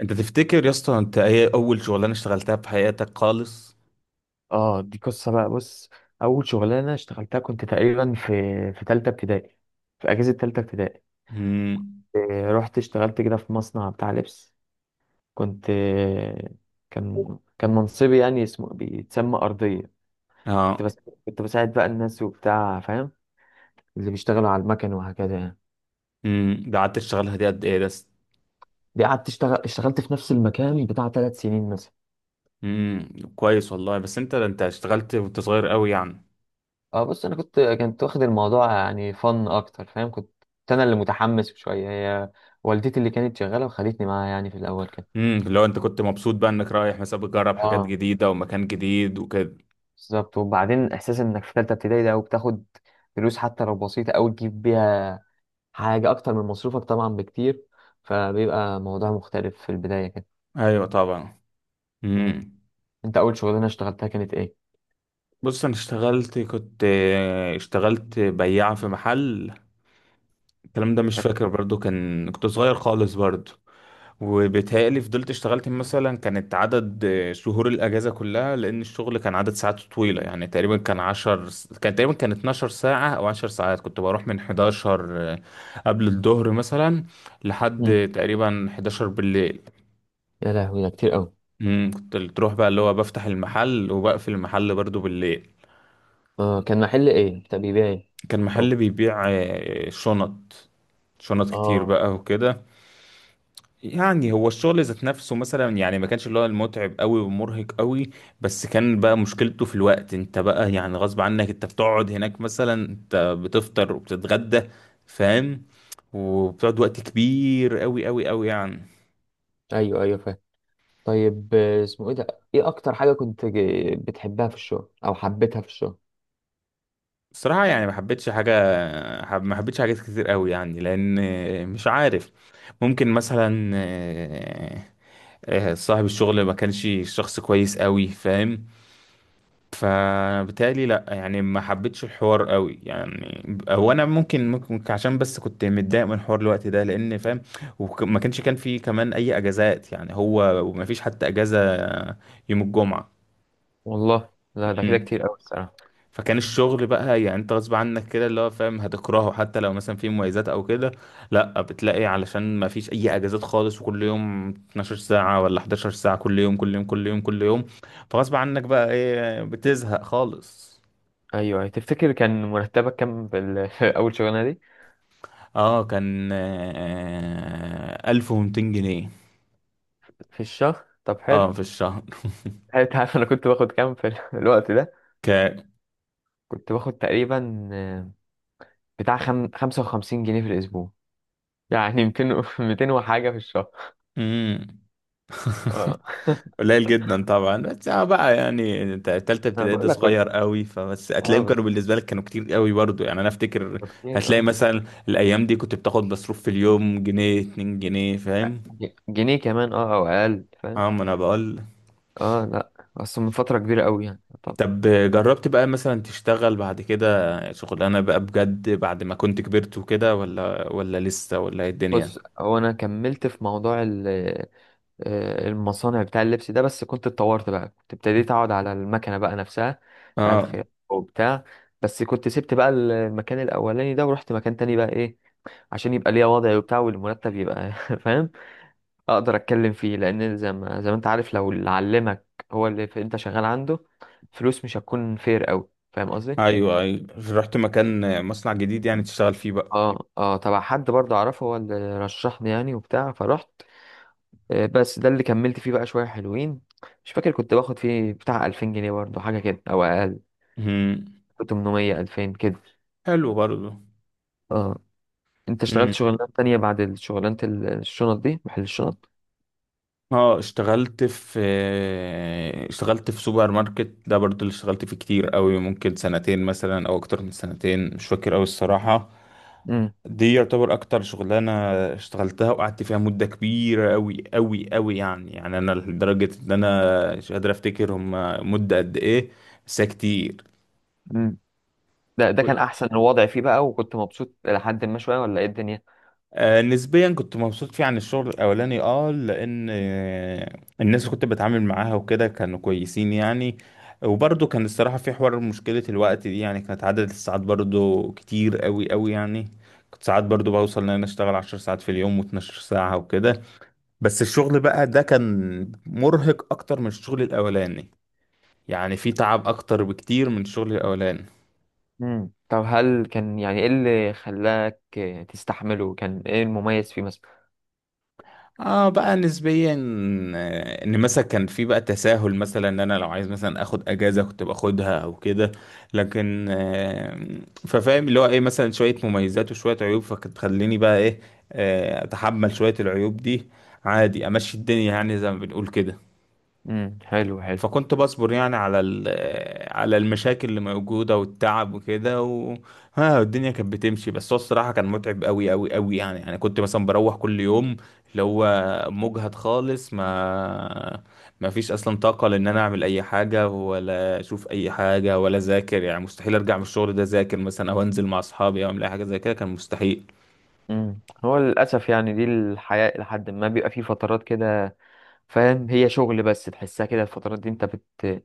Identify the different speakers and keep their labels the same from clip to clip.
Speaker 1: انت تفتكر يا اسطى انت ايه اول شغلانه اشتغلتها في حياتك خالص؟
Speaker 2: اه دي قصة بقى. بص، أول شغلانة اشتغلتها كنت تقريبا في تالتة ابتدائي، في أجازة تالتة ابتدائي.
Speaker 1: امم
Speaker 2: رحت اشتغلت كده في مصنع بتاع لبس. كنت كان منصبي يعني اسمه بيتسمى أرضية. كنت
Speaker 1: اه.
Speaker 2: بس كنت بساعد بقى الناس وبتاع، فاهم؟ اللي بيشتغلوا على المكن وهكذا يعني.
Speaker 1: ده قعدت تشتغلها دي قد ايه بس؟
Speaker 2: دي قعدت اشتغلت في نفس المكان بتاع ثلاث سنين مثلا.
Speaker 1: امم كويس والله، بس انت اشتغلت وانت صغير قوي يعني.
Speaker 2: اه بص، انا كنت واخد الموضوع يعني فن اكتر، فاهم؟ كنت كنت انا اللي متحمس شويه. هي والدتي اللي كانت شغاله وخلتني معاها يعني في الاول كده.
Speaker 1: لو انت كنت مبسوط بقى انك رايح مثلا بتجرب حاجات
Speaker 2: اه
Speaker 1: جديده ومكان جديد وكده.
Speaker 2: بالظبط. وبعدين احساس انك في ثالثه ابتدائي ده وبتاخد فلوس حتى لو بسيطه او تجيب بيها حاجه اكتر من مصروفك طبعا بكتير، فبيبقى موضوع مختلف في البدايه كده.
Speaker 1: ايوه طبعا.
Speaker 2: مم.
Speaker 1: امم
Speaker 2: انت اول شغلانه اشتغلتها كانت ايه؟
Speaker 1: بص انا اشتغلت، كنت اشتغلت بياع في محل. الكلام ده مش فاكر برضو، كان كنت صغير خالص برضو. وبيتهيألي فضلت اشتغلت مثلا، كانت عدد شهور الأجازة كلها، لأن الشغل كان عدد ساعات طويلة يعني. تقريبا كان كان تقريبا كان 12 ساعة أو 10 ساعات. كنت بروح من 11 قبل الظهر مثلا، لحد
Speaker 2: مم.
Speaker 1: تقريبا 11 بالليل.
Speaker 2: يا لهوي، ده كتير قوي.
Speaker 1: مم، كنت تروح بقى اللي هو بفتح المحل وبقفل المحل برضو بالليل.
Speaker 2: اه، كان محل ايه؟ طب بيبيع ايه؟
Speaker 1: كان
Speaker 2: او.
Speaker 1: محل بيبيع شنط، شنط كتير
Speaker 2: اه
Speaker 1: بقى وكده. يعني هو الشغل ذات نفسه مثلا يعني ما كانش اللي هو المتعب قوي ومرهق قوي، بس كان بقى مشكلته في الوقت. انت بقى يعني غصب عنك، انت بتقعد هناك مثلا، انت بتفطر وبتتغدى، فاهم، وبتقعد وقت كبير قوي قوي قوي يعني.
Speaker 2: ايوه ايوه، فاهم. طيب اسمه ايه ده؟ ايه اكتر حاجه كنت بتحبها في الشغل او حبيتها في الشغل؟
Speaker 1: الصراحة يعني ما حبيتش حاجة حب، ما حبيتش حاجات كتير قوي يعني، لأن مش عارف. ممكن مثلا صاحب الشغل ما كانش شخص كويس قوي، فاهم. فبالتالي لا يعني ما حبيتش الحوار قوي يعني. هو انا ممكن عشان بس كنت متضايق من حوار الوقت ده، لان فاهم. وما كانش كان في كمان اي اجازات يعني، هو وما فيش حتى اجازة يوم الجمعة.
Speaker 2: والله لا، ده كده
Speaker 1: مم.
Speaker 2: كتير قوي الصراحه.
Speaker 1: فكان الشغل بقى يعني انت غصب عنك كده، اللي هو فاهم هتكرهه حتى لو مثلا في مميزات او كده. لا، بتلاقي علشان ما فيش اي اجازات خالص، وكل يوم 12 ساعة ولا 11 ساعة، كل يوم كل يوم كل يوم كل يوم. فغصب عنك بقى ايه، بتزهق خالص.
Speaker 2: ايوه، تفتكر كان مرتبك كام في في اول شغلانه دي؟
Speaker 1: اه، كان آه 1200 جنيه.
Speaker 2: في الشهر؟ طب حلو.
Speaker 1: اه في الشهر.
Speaker 2: حلو. انت عارف انا كنت باخد كام في الوقت ده؟
Speaker 1: ك
Speaker 2: كنت باخد تقريبا بتاع 55 جنيه في الاسبوع يعني 200 وحاجه في الشهر.
Speaker 1: مم.
Speaker 2: اه
Speaker 1: قليل جدا طبعا، بس اه بقى يعني انت تالتة
Speaker 2: انا
Speaker 1: ابتدائي ده
Speaker 2: بقول لك كنت،
Speaker 1: صغير قوي، فبس
Speaker 2: اه
Speaker 1: هتلاقيهم كانوا
Speaker 2: بالظبط،
Speaker 1: بالنسبة لك كانوا كتير قوي برضو يعني، انا افتكر.
Speaker 2: كتير
Speaker 1: هتلاقي
Speaker 2: اه.
Speaker 1: مثلا الايام دي كنت بتاخد مصروف في اليوم جنيه 2 جنيه، فاهم.
Speaker 2: جنيه كمان اه او اقل، فاهم؟
Speaker 1: اه ما انا بقول.
Speaker 2: اه لا، اصل من فتره كبيره قوي يعني. طب
Speaker 1: طب جربت بقى مثلا تشتغل بعد كده شغلانة بقى بجد بعد ما كنت كبرت وكده، ولا لسه، ولا ايه الدنيا؟
Speaker 2: بص، هو انا كملت في موضوع المصانع بتاع اللبس ده، بس كنت اتطورت بقى، كنت ابتديت اقعد على المكنه بقى نفسها بتاع
Speaker 1: اه.
Speaker 2: الخياطه وبتاع. بس كنت سبت بقى المكان الاولاني ده ورحت مكان تاني بقى، ايه، عشان يبقى ليا وضعي وبتاع والمرتب يبقى فاهم؟ اقدر اتكلم فيه، لان زي ما انت عارف، لو اللي علمك هو اللي انت شغال عنده، فلوس مش هتكون فير قوي، فاهم قصدي؟
Speaker 1: ايوه ايوه. رحت مكان، مصنع جديد يعني تشتغل فيه بقى.
Speaker 2: اه اه، تبع حد برضه اعرفه، هو اللي رشحني يعني وبتاع، فرحت. بس ده اللي كملت فيه بقى شوية حلوين. مش فاكر، كنت باخد فيه بتاع 2000 جنيه برضه، حاجة كده أو أقل.
Speaker 1: مم.
Speaker 2: 800 2000 كده.
Speaker 1: حلو برضه.
Speaker 2: اه. أنت اشتغلت
Speaker 1: مم.
Speaker 2: شغلانات تانية بعد شغلانة الشنط دي، محل الشنط؟
Speaker 1: اه اشتغلت في، اشتغلت في سوبر ماركت ده، برضه اللي اشتغلت فيه كتير قوي، ممكن سنتين مثلا او اكتر من سنتين، مش فاكر قوي الصراحة.
Speaker 2: امم.
Speaker 1: دي يعتبر اكتر شغلانة اشتغلتها وقعدت فيها مدة كبيرة قوي قوي قوي يعني. يعني انا لدرجة ان انا مش قادر افتكر هم مدة قد ايه، بس هي كتير.
Speaker 2: امم. ده ده كان أحسن الوضع فيه بقى، وكنت مبسوط لحد ما شوية، ولا إيه الدنيا؟
Speaker 1: نسبيا كنت مبسوط فيه عن الشغل الاولاني، اه لان الناس اللي كنت بتعامل معاها وكده كانوا كويسين يعني. وبرضه كان الصراحة في حوار مشكلة الوقت دي يعني، كانت عدد الساعات برضه كتير قوي قوي يعني. كنت ساعات برضه بوصل ان انا اشتغل 10 ساعات في اليوم واتناشر ساعة وكده. بس الشغل بقى ده كان مرهق اكتر من الشغل الاولاني، يعني في تعب اكتر بكتير من الشغل الاولاني.
Speaker 2: امم. طب هل كان يعني، إيه اللي خلاك تستحمله؟ كان إيه المميز فيه مثلا؟
Speaker 1: اه بقى نسبيا، ان مثلا كان في بقى تساهل، مثلا ان انا لو عايز مثلا اخد اجازه كنت باخدها او كده. لكن ففاهم اللي هو ايه، مثلا شويه مميزات وشويه عيوب، فكانت تخليني بقى ايه، اتحمل شويه العيوب دي عادي، امشي الدنيا يعني زي ما بنقول كده.
Speaker 2: حلو حلو.
Speaker 1: فكنت بصبر يعني على على المشاكل اللي موجودة والتعب وكده ها الدنيا كانت بتمشي. بس هو الصراحة كان متعب قوي قوي قوي يعني، يعني كنت مثلا بروح كل يوم اللي هو مجهد خالص، ما فيش اصلا طاقة لان انا اعمل اي حاجة ولا اشوف اي حاجة ولا اذاكر يعني. مستحيل ارجع من الشغل ده اذاكر مثلا او انزل مع اصحابي او اعمل اي حاجة زي كده، كان مستحيل.
Speaker 2: امم، هو للأسف يعني دي الحياة، لحد ما بيبقى فيه فترات كده، فاهم؟ هي شغل بس تحسها كده الفترات دي، انت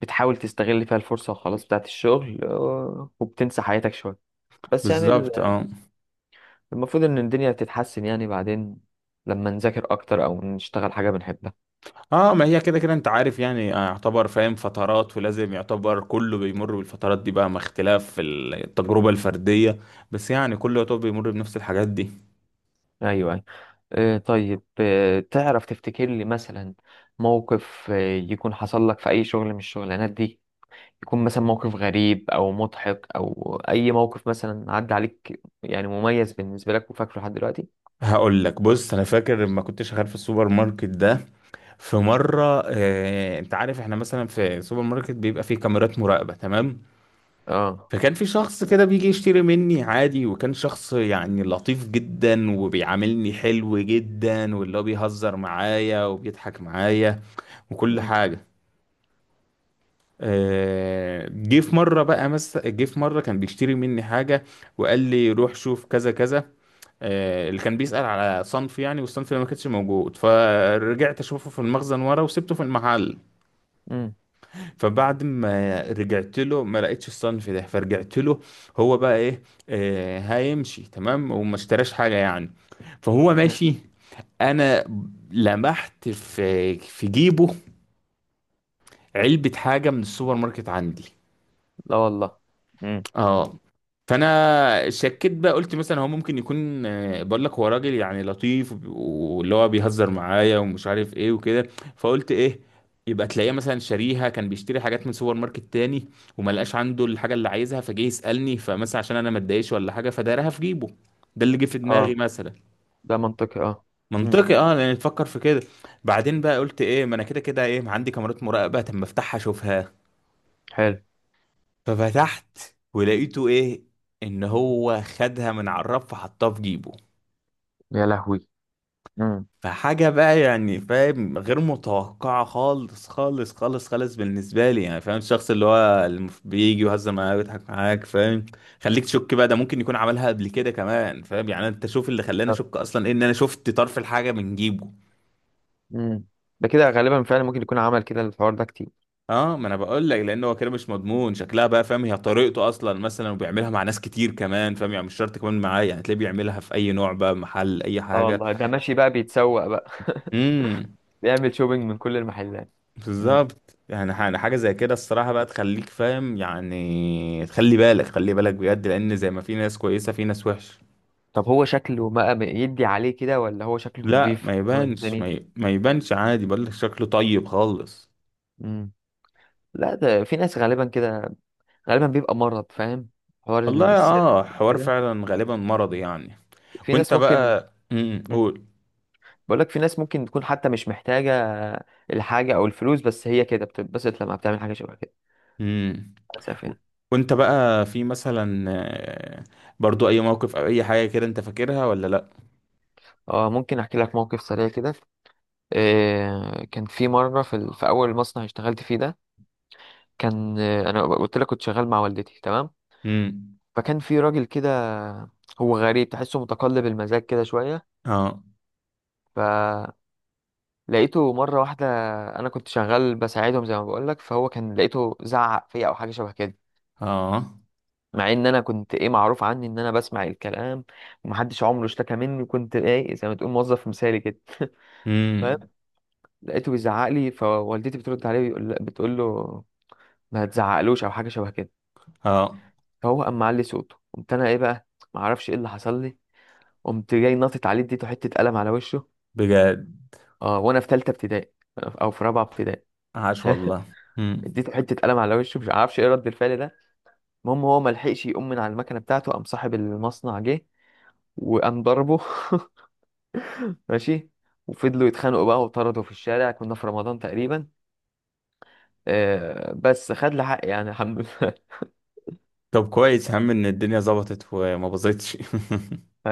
Speaker 2: بتحاول تستغل فيها الفرصة وخلاص بتاعت الشغل، وبتنسى حياتك شوية. بس يعني
Speaker 1: بالظبط اه.
Speaker 2: المفروض ان الدنيا تتحسن يعني بعدين، لما نذاكر اكتر او نشتغل حاجة بنحبها.
Speaker 1: اه، ما هي كده كده انت عارف يعني، يعتبر فاهم فترات، ولازم يعتبر كله بيمر بالفترات دي بقى، مع اختلاف في التجربة الفردية. بس يعني كله يعتبر بيمر بنفس الحاجات دي.
Speaker 2: ايوه ايوه. طيب تعرف تفتكر لي مثلا موقف يكون حصل لك في اي شغل من الشغلانات دي؟ يكون مثلا موقف غريب او مضحك او اي موقف مثلا عدى عليك، يعني مميز بالنسبة لك وفاكره لحد دلوقتي.
Speaker 1: هقول لك، بص انا فاكر لما كنت شغال في السوبر ماركت ده، في مرة اه، انت عارف احنا مثلا في السوبر ماركت بيبقى فيه كاميرات مراقبة، تمام.
Speaker 2: اه.
Speaker 1: فكان في شخص كده بيجي يشتري مني عادي، وكان شخص يعني لطيف جدا وبيعاملني حلو جدا، واللي هو بيهزر معايا وبيضحك معايا وكل حاجة. جه في مره كان بيشتري مني حاجه، وقال لي روح شوف كذا كذا. اللي كان بيسأل على صنف يعني، والصنف اللي ما كانش موجود، فرجعت اشوفه في المخزن ورا وسبته في المحل.
Speaker 2: مم.
Speaker 1: فبعد ما رجعت له ما لقيتش الصنف ده، فرجعت له، هو بقى ايه آه هيمشي تمام وما اشتراش حاجة يعني، فهو
Speaker 2: إيه.
Speaker 1: ماشي. انا لمحت في جيبه علبة حاجة من السوبر ماركت عندي.
Speaker 2: لا والله. امم.
Speaker 1: اه. فانا شكيت بقى، قلت مثلا هو ممكن يكون بقول لك هو راجل يعني لطيف واللي هو بيهزر معايا ومش عارف ايه وكده. فقلت ايه، يبقى تلاقيه مثلا شاريها، كان بيشتري حاجات من سوبر ماركت تاني وما لقاش عنده الحاجه اللي عايزها، فجه يسالني، فمثلا عشان انا ما اتضايقش ولا حاجه فدايرها في جيبه. ده اللي جه في
Speaker 2: اه،
Speaker 1: دماغي مثلا.
Speaker 2: ده منطقي اه. امم
Speaker 1: منطقي اه، لان تفكر في كده. بعدين بقى قلت ايه، ما انا كده كده ايه عندي كاميرات مراقبه، طب ما افتحها اشوفها.
Speaker 2: حلو.
Speaker 1: ففتحت، ولقيته ايه، ان هو خدها من على الرف وحطها في جيبه.
Speaker 2: يا لهوي. امم.
Speaker 1: فحاجة بقى يعني فاهم غير متوقعة خالص خالص خالص خالص بالنسبة لي، يعني فاهم الشخص اللي هو اللي بيجي يهزر معاك ويضحك معاك، فاهم. خليك تشك بقى، ده ممكن يكون عملها قبل كده كمان فاهم يعني. انت شوف اللي خلاني
Speaker 2: طب.
Speaker 1: اشك اصلا إيه؟ ان انا شفت طرف الحاجة من جيبه.
Speaker 2: امم. ده كده غالبا فعلا ممكن يكون عمل كده، الحوار ده كتير.
Speaker 1: اه ما انا بقول لك، لان هو كده مش مضمون شكلها بقى فاهم، هي طريقته اصلا مثلا وبيعملها مع ناس كتير كمان فاهم يعني، مش شرط كمان معاه يعني، تلاقيه بيعملها في اي نوع بقى، محل اي
Speaker 2: اه
Speaker 1: حاجه.
Speaker 2: والله، ده ماشي بقى بيتسوق بقى
Speaker 1: امم.
Speaker 2: بيعمل شوبينج من كل المحلات. امم.
Speaker 1: بالظبط، يعني يعني حاجه زي كده الصراحه بقى تخليك فاهم يعني، تخلي بالك، خلي بالك بجد، لان زي ما في ناس كويسه في ناس وحشه.
Speaker 2: طب هو شكله ما يدي عليه كده، ولا هو شكله
Speaker 1: لا
Speaker 2: نضيف
Speaker 1: ما
Speaker 2: ولا
Speaker 1: يبانش،
Speaker 2: الدنيا؟
Speaker 1: ما يبانش عادي، بقول لك شكله طيب خالص.
Speaker 2: امم. لا، ده في ناس غالبا كده، غالبا بيبقى مرض، فاهم؟ حوار
Speaker 1: والله
Speaker 2: السرقة
Speaker 1: اه، حوار
Speaker 2: كده.
Speaker 1: فعلا غالبا مرضي يعني.
Speaker 2: في ناس
Speaker 1: وانت
Speaker 2: ممكن.
Speaker 1: بقى، قول.
Speaker 2: بقولك في ناس ممكن تكون حتى مش محتاجة الحاجة أو الفلوس، بس هي كده بتتبسط لما بتعمل حاجة شبه كده.
Speaker 1: امم.
Speaker 2: للأسف يعني.
Speaker 1: وانت بقى في مثلا آه، برضو اي موقف او اي حاجة كده انت فاكرها ولا لا؟
Speaker 2: اه، ممكن أحكي لك موقف سريع كده. إيه، كان في مرة في أول مصنع اشتغلت فيه ده، كان أنا قلت لك كنت شغال مع والدتي، تمام؟
Speaker 1: امم.
Speaker 2: فكان في راجل كده، هو غريب، تحسه متقلب المزاج كده شوية.
Speaker 1: اه.
Speaker 2: فلقيته مرة واحدة، أنا كنت شغال بساعدهم زي ما بقولك، فهو كان لقيته زعق فيا أو حاجة شبه كده.
Speaker 1: اه.
Speaker 2: مع ان انا كنت ايه، معروف عني ان انا بسمع الكلام ومحدش عمره اشتكى مني، وكنت ايه زي ما تقول موظف مثالي كده فاهم؟
Speaker 1: امم.
Speaker 2: لقيته بيزعق لي، فوالدتي بترد عليه بتقول له ما تزعقلوش او حاجه شبه كده.
Speaker 1: اه.
Speaker 2: فهو قام معلي صوته، قمت انا ايه بقى، ما اعرفش ايه اللي حصل لي، قمت جاي ناطط عليه اديته حته قلم على وشه.
Speaker 1: بجد.
Speaker 2: اه، وانا في ثالثه ابتدائي او في رابعه ابتدائي.
Speaker 1: عاش والله. امم.
Speaker 2: اديته حته قلم على وشه، مش عارفش ايه رد الفعل ده. المهم هو ما لحقش يقوم من على المكنه بتاعته، قام صاحب المصنع جه وقام ضربه ماشي. وفضلوا يتخانقوا بقى وطردوا في الشارع. كنا في رمضان تقريبا. آه، بس خد لي حقي يعني، الحمد لله.
Speaker 1: طب كويس يا عم ان الدنيا ظبطت وما باظتش.